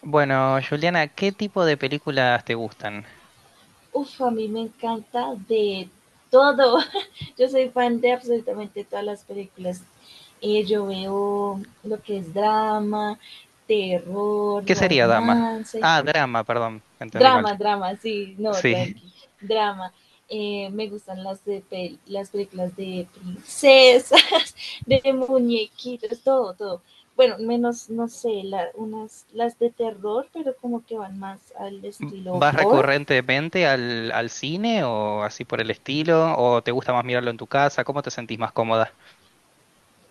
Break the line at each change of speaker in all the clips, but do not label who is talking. Bueno, Juliana, ¿qué tipo de películas te gustan?
Uf, a mí me encanta de todo. Yo soy fan de absolutamente todas las películas. Yo veo lo que es drama, terror,
¿Qué sería dama?
romance.
Ah, drama, perdón, entendí mal.
Drama, drama, sí, no,
Sí.
tranqui. Drama. Me gustan las, las películas de princesas, de muñequitos, todo, todo. Bueno, menos, no sé, unas, las de terror, pero como que van más al estilo
¿Vas
gore.
recurrentemente al cine o así por el estilo? ¿O te gusta más mirarlo en tu casa? ¿Cómo te sentís más cómoda?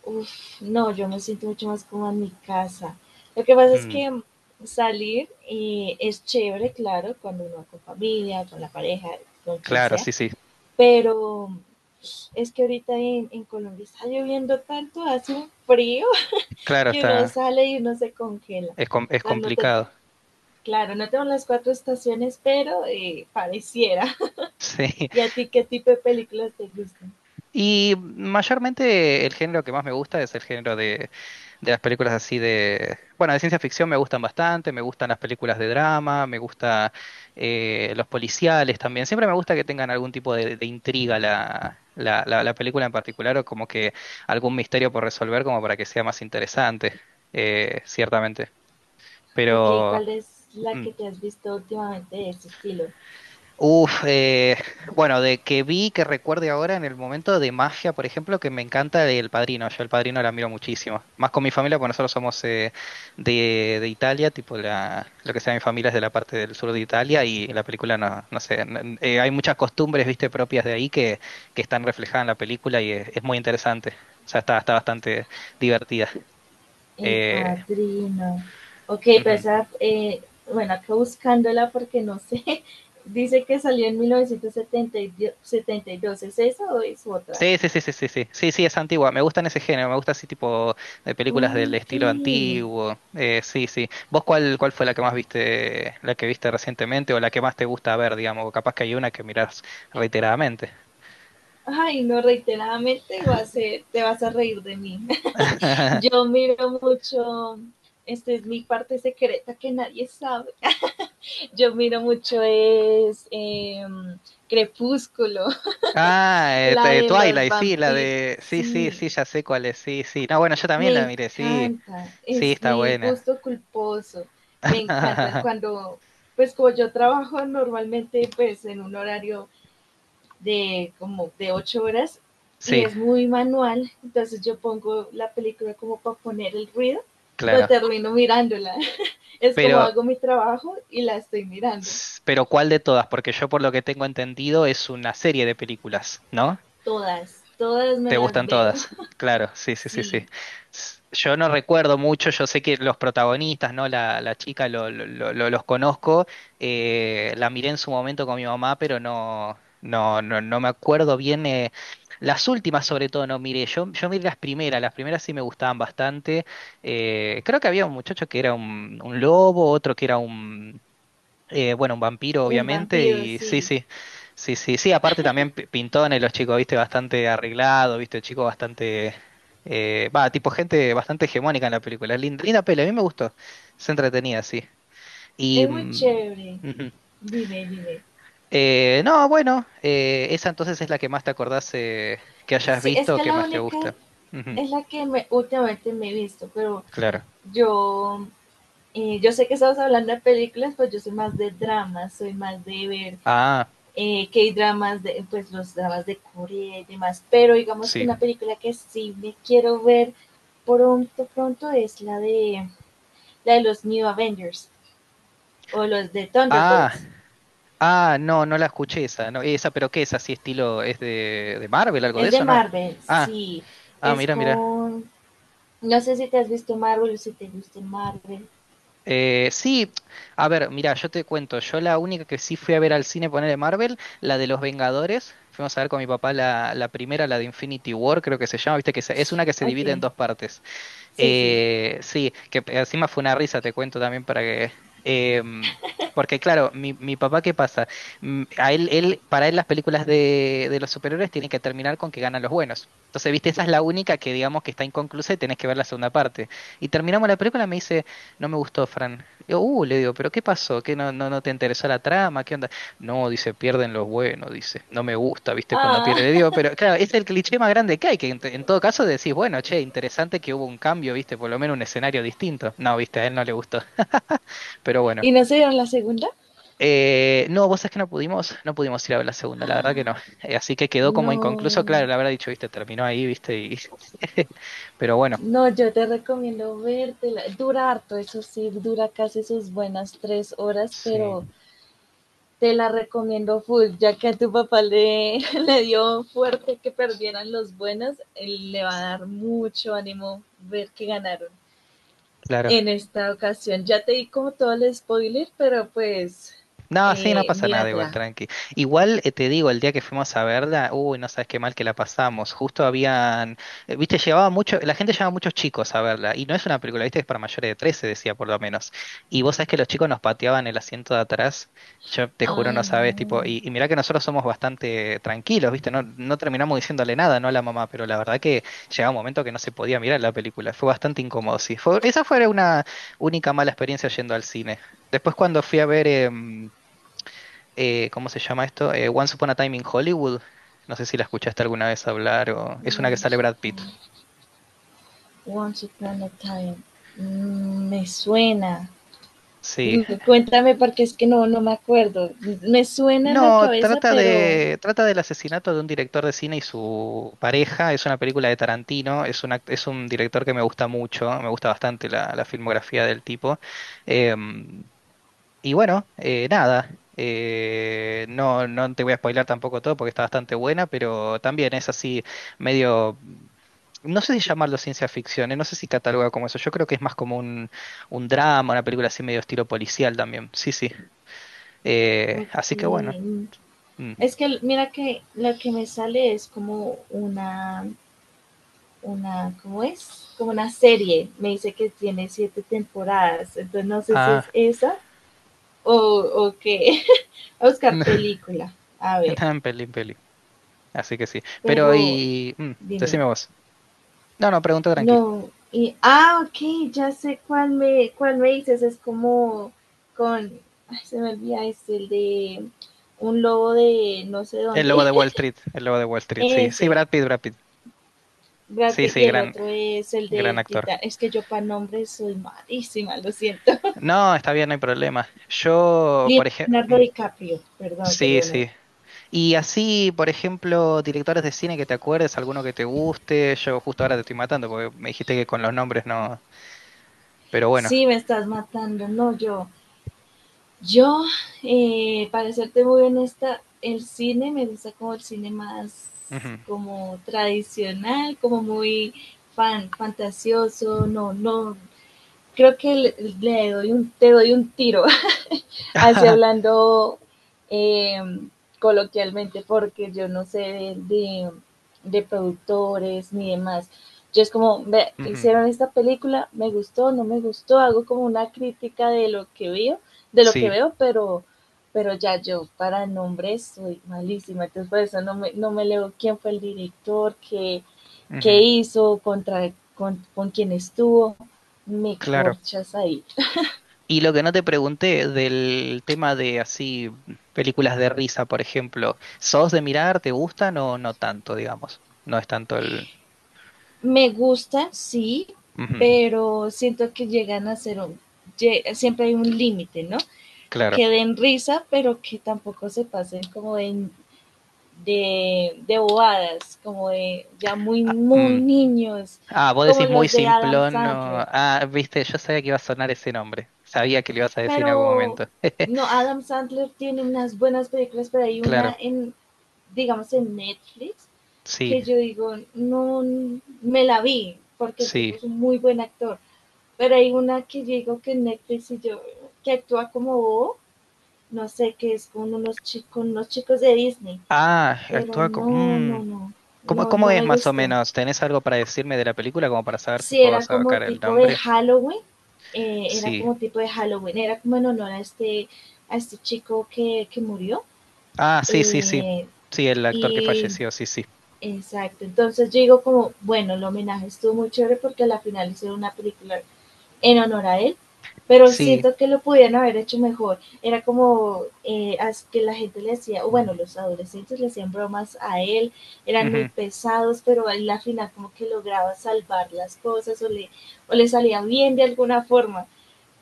Uf, no, yo me siento mucho más como en mi casa. Lo que pasa es
Mm,
que salir es chévere, claro, cuando uno va con familia, con la pareja, con quien
claro,
sea,
sí, sí.
pero es que ahorita en Colombia está lloviendo tanto, hace un frío
Claro,
que uno sale y uno se congela. O
es
sea,
complicado.
claro, no tengo las cuatro estaciones, pero pareciera.
Sí.
¿Y a ti qué tipo de películas te gustan?
Y mayormente el género que más me gusta es el género de las películas así de. Bueno, de ciencia ficción me gustan bastante, me gustan las películas de drama, me gusta los policiales también. Siempre me gusta que tengan algún tipo de intriga la película en particular o como que algún misterio por resolver como para que sea más interesante, ciertamente.
Ok,
Pero.
¿cuál es la
Mm.
que te has visto últimamente de ese estilo?
Uf, bueno, de que vi, que recuerde ahora en el momento de magia, por ejemplo, que me encanta El Padrino. Yo El Padrino la miro muchísimo. Más con mi familia, porque nosotros somos de Italia, tipo la, lo que sea mi familia es de la parte del sur de Italia y la película no, no sé, hay muchas costumbres, viste, propias de ahí que, están reflejadas en la película y es muy interesante. O sea, está bastante divertida.
El
Eh,
Padrino. Ok, pero
Ujú.
esa, bueno, acá buscándola porque no sé. Dice que salió en 1972. ¿Es esa o es otra?
Sí, sí, sí, sí, sí, sí, sí, sí, es antigua. Me gustan ese género, me gusta ese tipo de películas del
Ok.
estilo antiguo. Sí, sí. ¿Vos cuál fue la que más viste, la que viste recientemente o la que más te gusta ver, digamos? Capaz que hay una que mirás reiteradamente.
Ay, no, reiteradamente va a ser, te vas a reír de mí. Yo miro mucho, esta es mi parte secreta que nadie sabe. Yo miro mucho es Crepúsculo,
Ah,
la de los
Twilight, sí,
vampiros.
Sí, sí,
Sí,
sí, ya sé cuál es, sí, sí. No, bueno, yo también
me
la miré, sí.
encanta,
Sí,
es
está
mi
buena.
gusto culposo. Me encanta cuando, pues como yo trabajo normalmente pues en un horario de como de 8 horas y
Sí,
es muy manual, entonces yo pongo la película como para poner el ruido, pero
claro.
termino mirándola. Es como
Pero...
hago mi trabajo y la estoy mirando.
Pero ¿cuál de todas? Porque yo por lo que tengo entendido es una serie de películas, ¿no?
Todas, todas me
¿Te
las
gustan
veo.
todas? Claro, sí, sí, sí, sí.
Sí,
Yo no recuerdo mucho, yo sé que los protagonistas, ¿no? La chica, los conozco, la miré en su momento con mi mamá, pero no me acuerdo bien. Las últimas sobre todo no miré, yo miré las primeras sí me gustaban bastante. Creo que había un muchacho que era un lobo, otro que era un bueno, un vampiro,
un
obviamente,
vampiro,
y sí,
sí.
sí, sí, sí, sí, aparte también pintones, los chicos, viste, bastante arreglado, viste, chicos bastante, va, tipo gente bastante hegemónica en la película, linda, linda peli, a mí me gustó, se entretenía, sí.
Es muy
Mm,
chévere.
ujú.
Dime, dime.
No, bueno, esa entonces es la que más te acordás que hayas
Sí, es
visto o
que
que
la
más te
única
gusta. Ujú,
es la que me, últimamente me he visto, pero
claro.
yo, yo sé que estamos hablando de películas, pues yo soy más de dramas, soy más de ver
Ah,
que hay dramas, de, pues los dramas de Corea y demás, pero digamos que
sí.
una película que sí me quiero ver pronto, pronto es la de los New Avengers o los de
Ah.
Thunderbolts.
Ah, no, no la escuché esa, no, esa, pero ¿qué es así estilo? ¿Es de Marvel, algo de
Es de
eso, no?
Marvel,
Ah,
sí,
ah,
es
mira, mira.
con, no sé si te has visto Marvel o si te gusta Marvel.
Sí, a ver, mira, yo te cuento, yo la única que sí fui a ver al cine poner de Marvel, la de los Vengadores, fuimos a ver con mi papá la primera, la de Infinity War, creo que se llama, viste que es una que se
Ok,
divide en dos partes.
sí, sí.
Sí, que encima fue una risa, te cuento también para que. em, Porque claro, mi papá, ¿qué pasa? A él, para él las películas de los superhéroes tienen que terminar con que ganan los buenos. Entonces, viste, esa es la única que digamos que está inconclusa y tenés que ver la segunda parte. Y terminamos la película, me dice, no me gustó, Fran. Le digo, ¿pero qué pasó? ¿Qué no te interesó la trama? ¿Qué onda? No, dice, pierden los buenos, dice. No me gusta, ¿viste? Cuando pierden.
Ah,
Le digo, pero claro, es el cliché más grande que hay, que en todo caso decís, bueno, che, interesante que hubo un cambio, ¿viste? Por lo menos un escenario distinto. No, ¿viste? A él no le gustó. Pero bueno.
¿y no se dieron la segunda?
No, vos sabés que no pudimos ir a ver la segunda, la verdad que no. Así que quedó como inconcluso, claro,
No.
la verdad dicho, ¿viste? Terminó ahí, ¿viste? Y. Pero bueno,
No, yo te recomiendo vértela. Dura harto, eso sí, dura casi sus buenas 3 horas,
sí,
pero te la recomiendo full, ya que a tu papá le, le dio fuerte que perdieran los buenos, él le va a dar mucho ánimo ver que ganaron
claro.
en esta ocasión. Ya te di como todo el spoiler, pero pues
No, sí, no pasa nada, igual,
míratela.
tranqui. Igual te digo, el día que fuimos a verla, uy, no sabes qué mal que la pasamos. Justo habían, viste, llevaba mucho, la gente llevaba muchos chicos a verla, y no es una película, viste, es para mayores de 13 decía por lo menos. Y vos sabés que los chicos nos pateaban el asiento de atrás, yo te juro, no
Ay,
sabes, tipo,
no,
y mirá que nosotros somos bastante tranquilos, viste, no terminamos diciéndole nada, no a la mamá, pero la verdad que llegaba un momento que no se podía mirar la película, fue bastante incómodo, sí. Esa fue una única mala experiencia yendo al cine. Después cuando fui a ver. ¿Cómo se llama esto? Once Upon a Time in Hollywood. No sé si la escuchaste alguna vez hablar o es
no
una que
no
sale
sé
Brad Pitt.
cómo. Once Upon a Time. Mm, me suena.
Sí.
Mm, cuéntame porque es que no, no me acuerdo. Me suena en la
No,
cabeza,
trata
pero
de trata del asesinato de un director de cine y su pareja. Es una película de Tarantino. Es un director que me gusta mucho. Me gusta bastante la filmografía del tipo. Em, Y bueno, nada, no, te voy a spoilar tampoco todo porque está bastante buena, pero también es así medio, no sé si llamarlo ciencia ficción, no sé si cataloga como eso, yo creo que es más como un drama, una película así medio estilo policial también, sí, sí.
ok.
Así que bueno.
mm,
Mm.
Es que mira que lo que me sale es como una, ¿cómo es? Como una serie. Me dice que tiene siete temporadas. Entonces no sé si
Ah,
es esa o qué. A buscar
nada
película. A ver,
en peli, así que sí.
pero dime.
Decime vos. No, no, pregunta tranqui.
No, y ah, ok, ya sé cuál me dices, es como con, ay, se me olvida este, el de un lobo de no sé
El lobo
dónde,
de Wall Street, el lobo de Wall Street, sí, sí,
ese,
Brad Pitt, Brad Pitt,
Brad
sí,
Pitt,
sí,
y el
gran,
otro es el
gran
del
actor.
Titán, es que yo para nombres soy malísima, lo siento,
No, está bien, no hay problema. Yo, por ejemplo,
Leonardo DiCaprio, perdón,
sí,
perdón,
sí. Y así, por ejemplo, directores de cine que te acuerdes, alguno que te guste. Yo justo ahora te estoy matando porque me dijiste que con los nombres no. Pero bueno.
sí, me estás matando, no, yo, para serte muy honesta, el cine me gusta como el cine más
Ujú.
como tradicional, como muy fantasioso, no, no, creo que te doy un tiro así hablando eh, coloquialmente, porque yo no sé de productores ni demás. Yo es como, ve,
Ujú.
hicieron esta película, me gustó, no me gustó, hago como una crítica de lo que veo, de lo que
Sí,
veo, pero, pero ya yo para nombres soy malísima, entonces por eso no me leo quién fue el director, qué
ujú,
hizo, con quién estuvo, me
claro.
corchas ahí.
Y lo que no te pregunté del tema de así, películas de risa, por ejemplo, ¿sos de mirar? ¿Te gustan o no tanto, digamos? No es tanto el.
Me gusta, sí,
Ujú,
pero siento que llegan a ser, siempre hay un límite, ¿no?
claro.
Que den risa, pero que tampoco se pasen como de bobadas, como de ya muy,
Ah,
muy
mm,
niños,
ah, vos
como
decís muy
las de Adam
simplón.
Sandler.
Ah, viste, yo sabía que iba a sonar ese nombre. Sabía que lo ibas a decir en algún
Pero
momento.
no, Adam Sandler tiene unas buenas películas, pero hay una
Claro,
en, digamos, en Netflix
sí,
que yo digo, no, me la vi, porque el tipo
sí.
es un muy buen actor. Pero hay una que yo digo que en Netflix que actúa como Bobo, no sé, que es con unos chicos de Disney,
Ah,
pero
actúa como.
no, no, no,
¿Cómo,
no,
cómo
no
es
me
más o
gustó.
menos? ¿Tenés algo para decirme de la película como para saber si
Sí,
puedo
era como
sacar el
tipo de
nombre?
Halloween,
Sí.
era como en honor a este chico que murió.
Ah, sí, sí, sí.
eh,
Sí, el actor que
y
falleció, sí, sí.
exacto, entonces yo digo como, bueno, el homenaje estuvo muy chévere porque al final hicieron una película en honor a él, pero
Sí.
siento que lo pudieran haber hecho mejor. Era como que la gente le hacía, o bueno, los adolescentes le hacían bromas a él, eran muy
Ujú.
pesados, pero al final como que lograba salvar las cosas o le salía bien de alguna forma.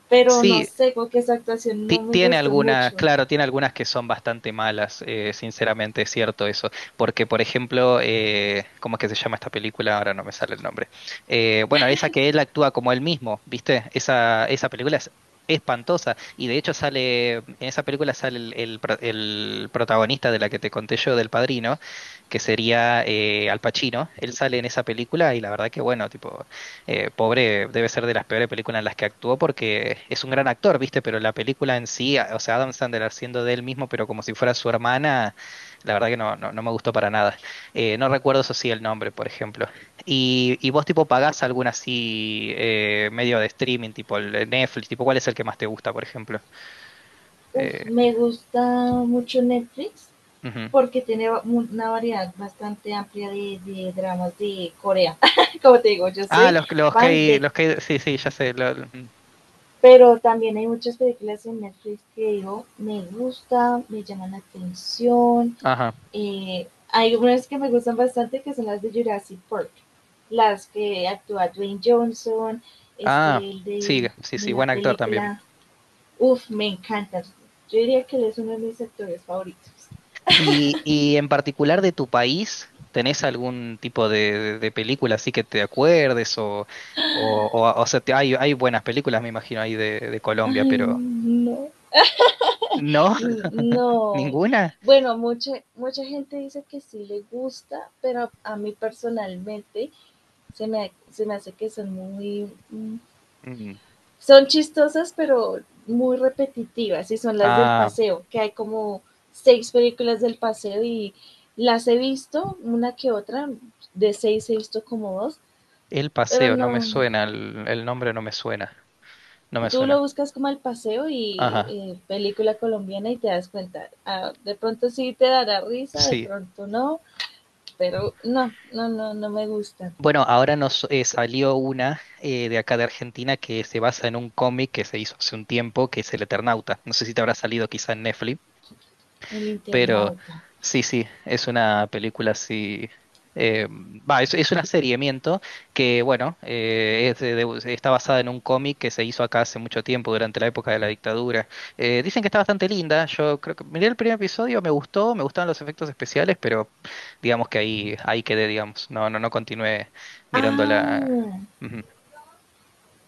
Pero no
Sí.
sé, como que esa actuación no me
Tiene
gustó
algunas,
mucho.
claro, tiene algunas que son bastante malas, sinceramente es cierto eso, porque por ejemplo, ¿cómo es que se llama esta película? Ahora no me sale el nombre. Bueno, esa que él actúa como él mismo, ¿viste? Esa película es espantosa y de hecho sale, en esa película sale el protagonista de la que te conté yo, del Padrino, que sería Al Pacino, él sale en esa película y la verdad que bueno, tipo. Pobre, debe ser de las peores películas en las que actuó porque es un gran actor, ¿viste? Pero la película en sí, o sea, Adam Sandler haciendo de él mismo, pero como si fuera su hermana, la verdad que no, no, no me gustó para nada. No recuerdo eso sí el nombre, por ejemplo. ¿Y vos tipo pagás algún así medio de streaming, tipo el Netflix, tipo cuál es el que más te gusta, por ejemplo?
Uf,
Eh,
me gusta mucho Netflix
Ujú.
porque tiene una variedad bastante amplia de dramas de Corea. Como te digo, yo
Ah,
soy
los, los
fan
que,
de.
los que, sí, sí, ya sé.
Pero también hay muchas películas en Netflix que digo, me gusta, me llaman la atención.
Ajá.
Hay unas que me gustan bastante que son las de Jurassic Park, las que actúa Dwayne Johnson, este,
Ah,
el
sí, sí,
de
sí,
la
buen actor también.
película. Uf, me encanta. Yo diría que él es uno de mis actores favoritos.
Y en particular de tu país, ¿tenés algún tipo de, de película así que te acuerdes? O sea, hay buenas películas, me imagino, ahí de Colombia,
Ay,
pero
no.
¿no?
Mm, no.
¿Ninguna?
Bueno, mucha, mucha gente dice que sí le gusta, pero a mí personalmente se me hace que son muy,
Mm.
son chistosas, pero muy repetitivas y son las del
Ah,
paseo, que hay como seis películas del paseo y las he visto una que otra, de seis he visto como dos,
El
pero
Paseo, no me
no,
suena, el nombre no me suena, no me
tú lo
suena.
buscas como el paseo y
Ajá,
película colombiana y te das cuenta, ah, de pronto sí te dará risa, de
sí.
pronto no, pero no, no, no, no me gusta
Bueno, ahora nos salió una de acá de Argentina que se basa en un cómic que se hizo hace un tiempo, que es El Eternauta. No sé si te habrá salido quizá en Netflix.
el
Pero
internauta.
sí, sí, es una película así. eh, Va, es una serie miento que, bueno, está basada en un cómic que se hizo acá hace mucho tiempo, durante la época de la dictadura. Dicen que está bastante linda. Yo creo que miré el primer episodio, me gustó, me gustaron los efectos especiales, pero digamos que ahí quedé, digamos. No, no, no continué mirándola.
Ah,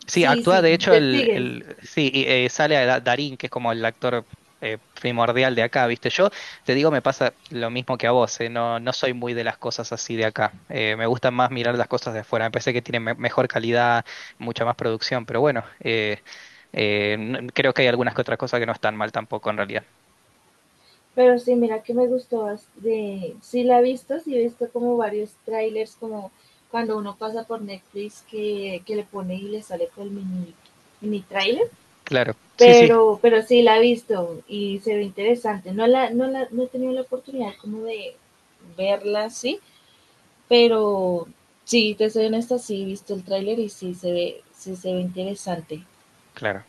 Sí,
sí,
actúa
sí,
de hecho el,
sigue,
el sí, y, sale a Darín, que es como el actor primordial de acá, ¿viste? Yo te digo, me pasa lo mismo que a vos, No, no soy muy de las cosas así de acá. Me gustan más mirar las cosas de afuera. Me parece que tienen mejor calidad, mucha más producción, pero bueno, creo que hay algunas que otras cosas que no están mal tampoco en realidad.
pero sí, mira que me gustó, sí la he visto, sí he visto como varios trailers, como cuando uno pasa por Netflix que le pone y le sale con el mini trailer,
Claro, sí, sí,
pero sí la he visto y se ve interesante. No he tenido la oportunidad como de verla sí pero sí, te soy honesta, sí he visto el trailer y sí se ve interesante.
claro.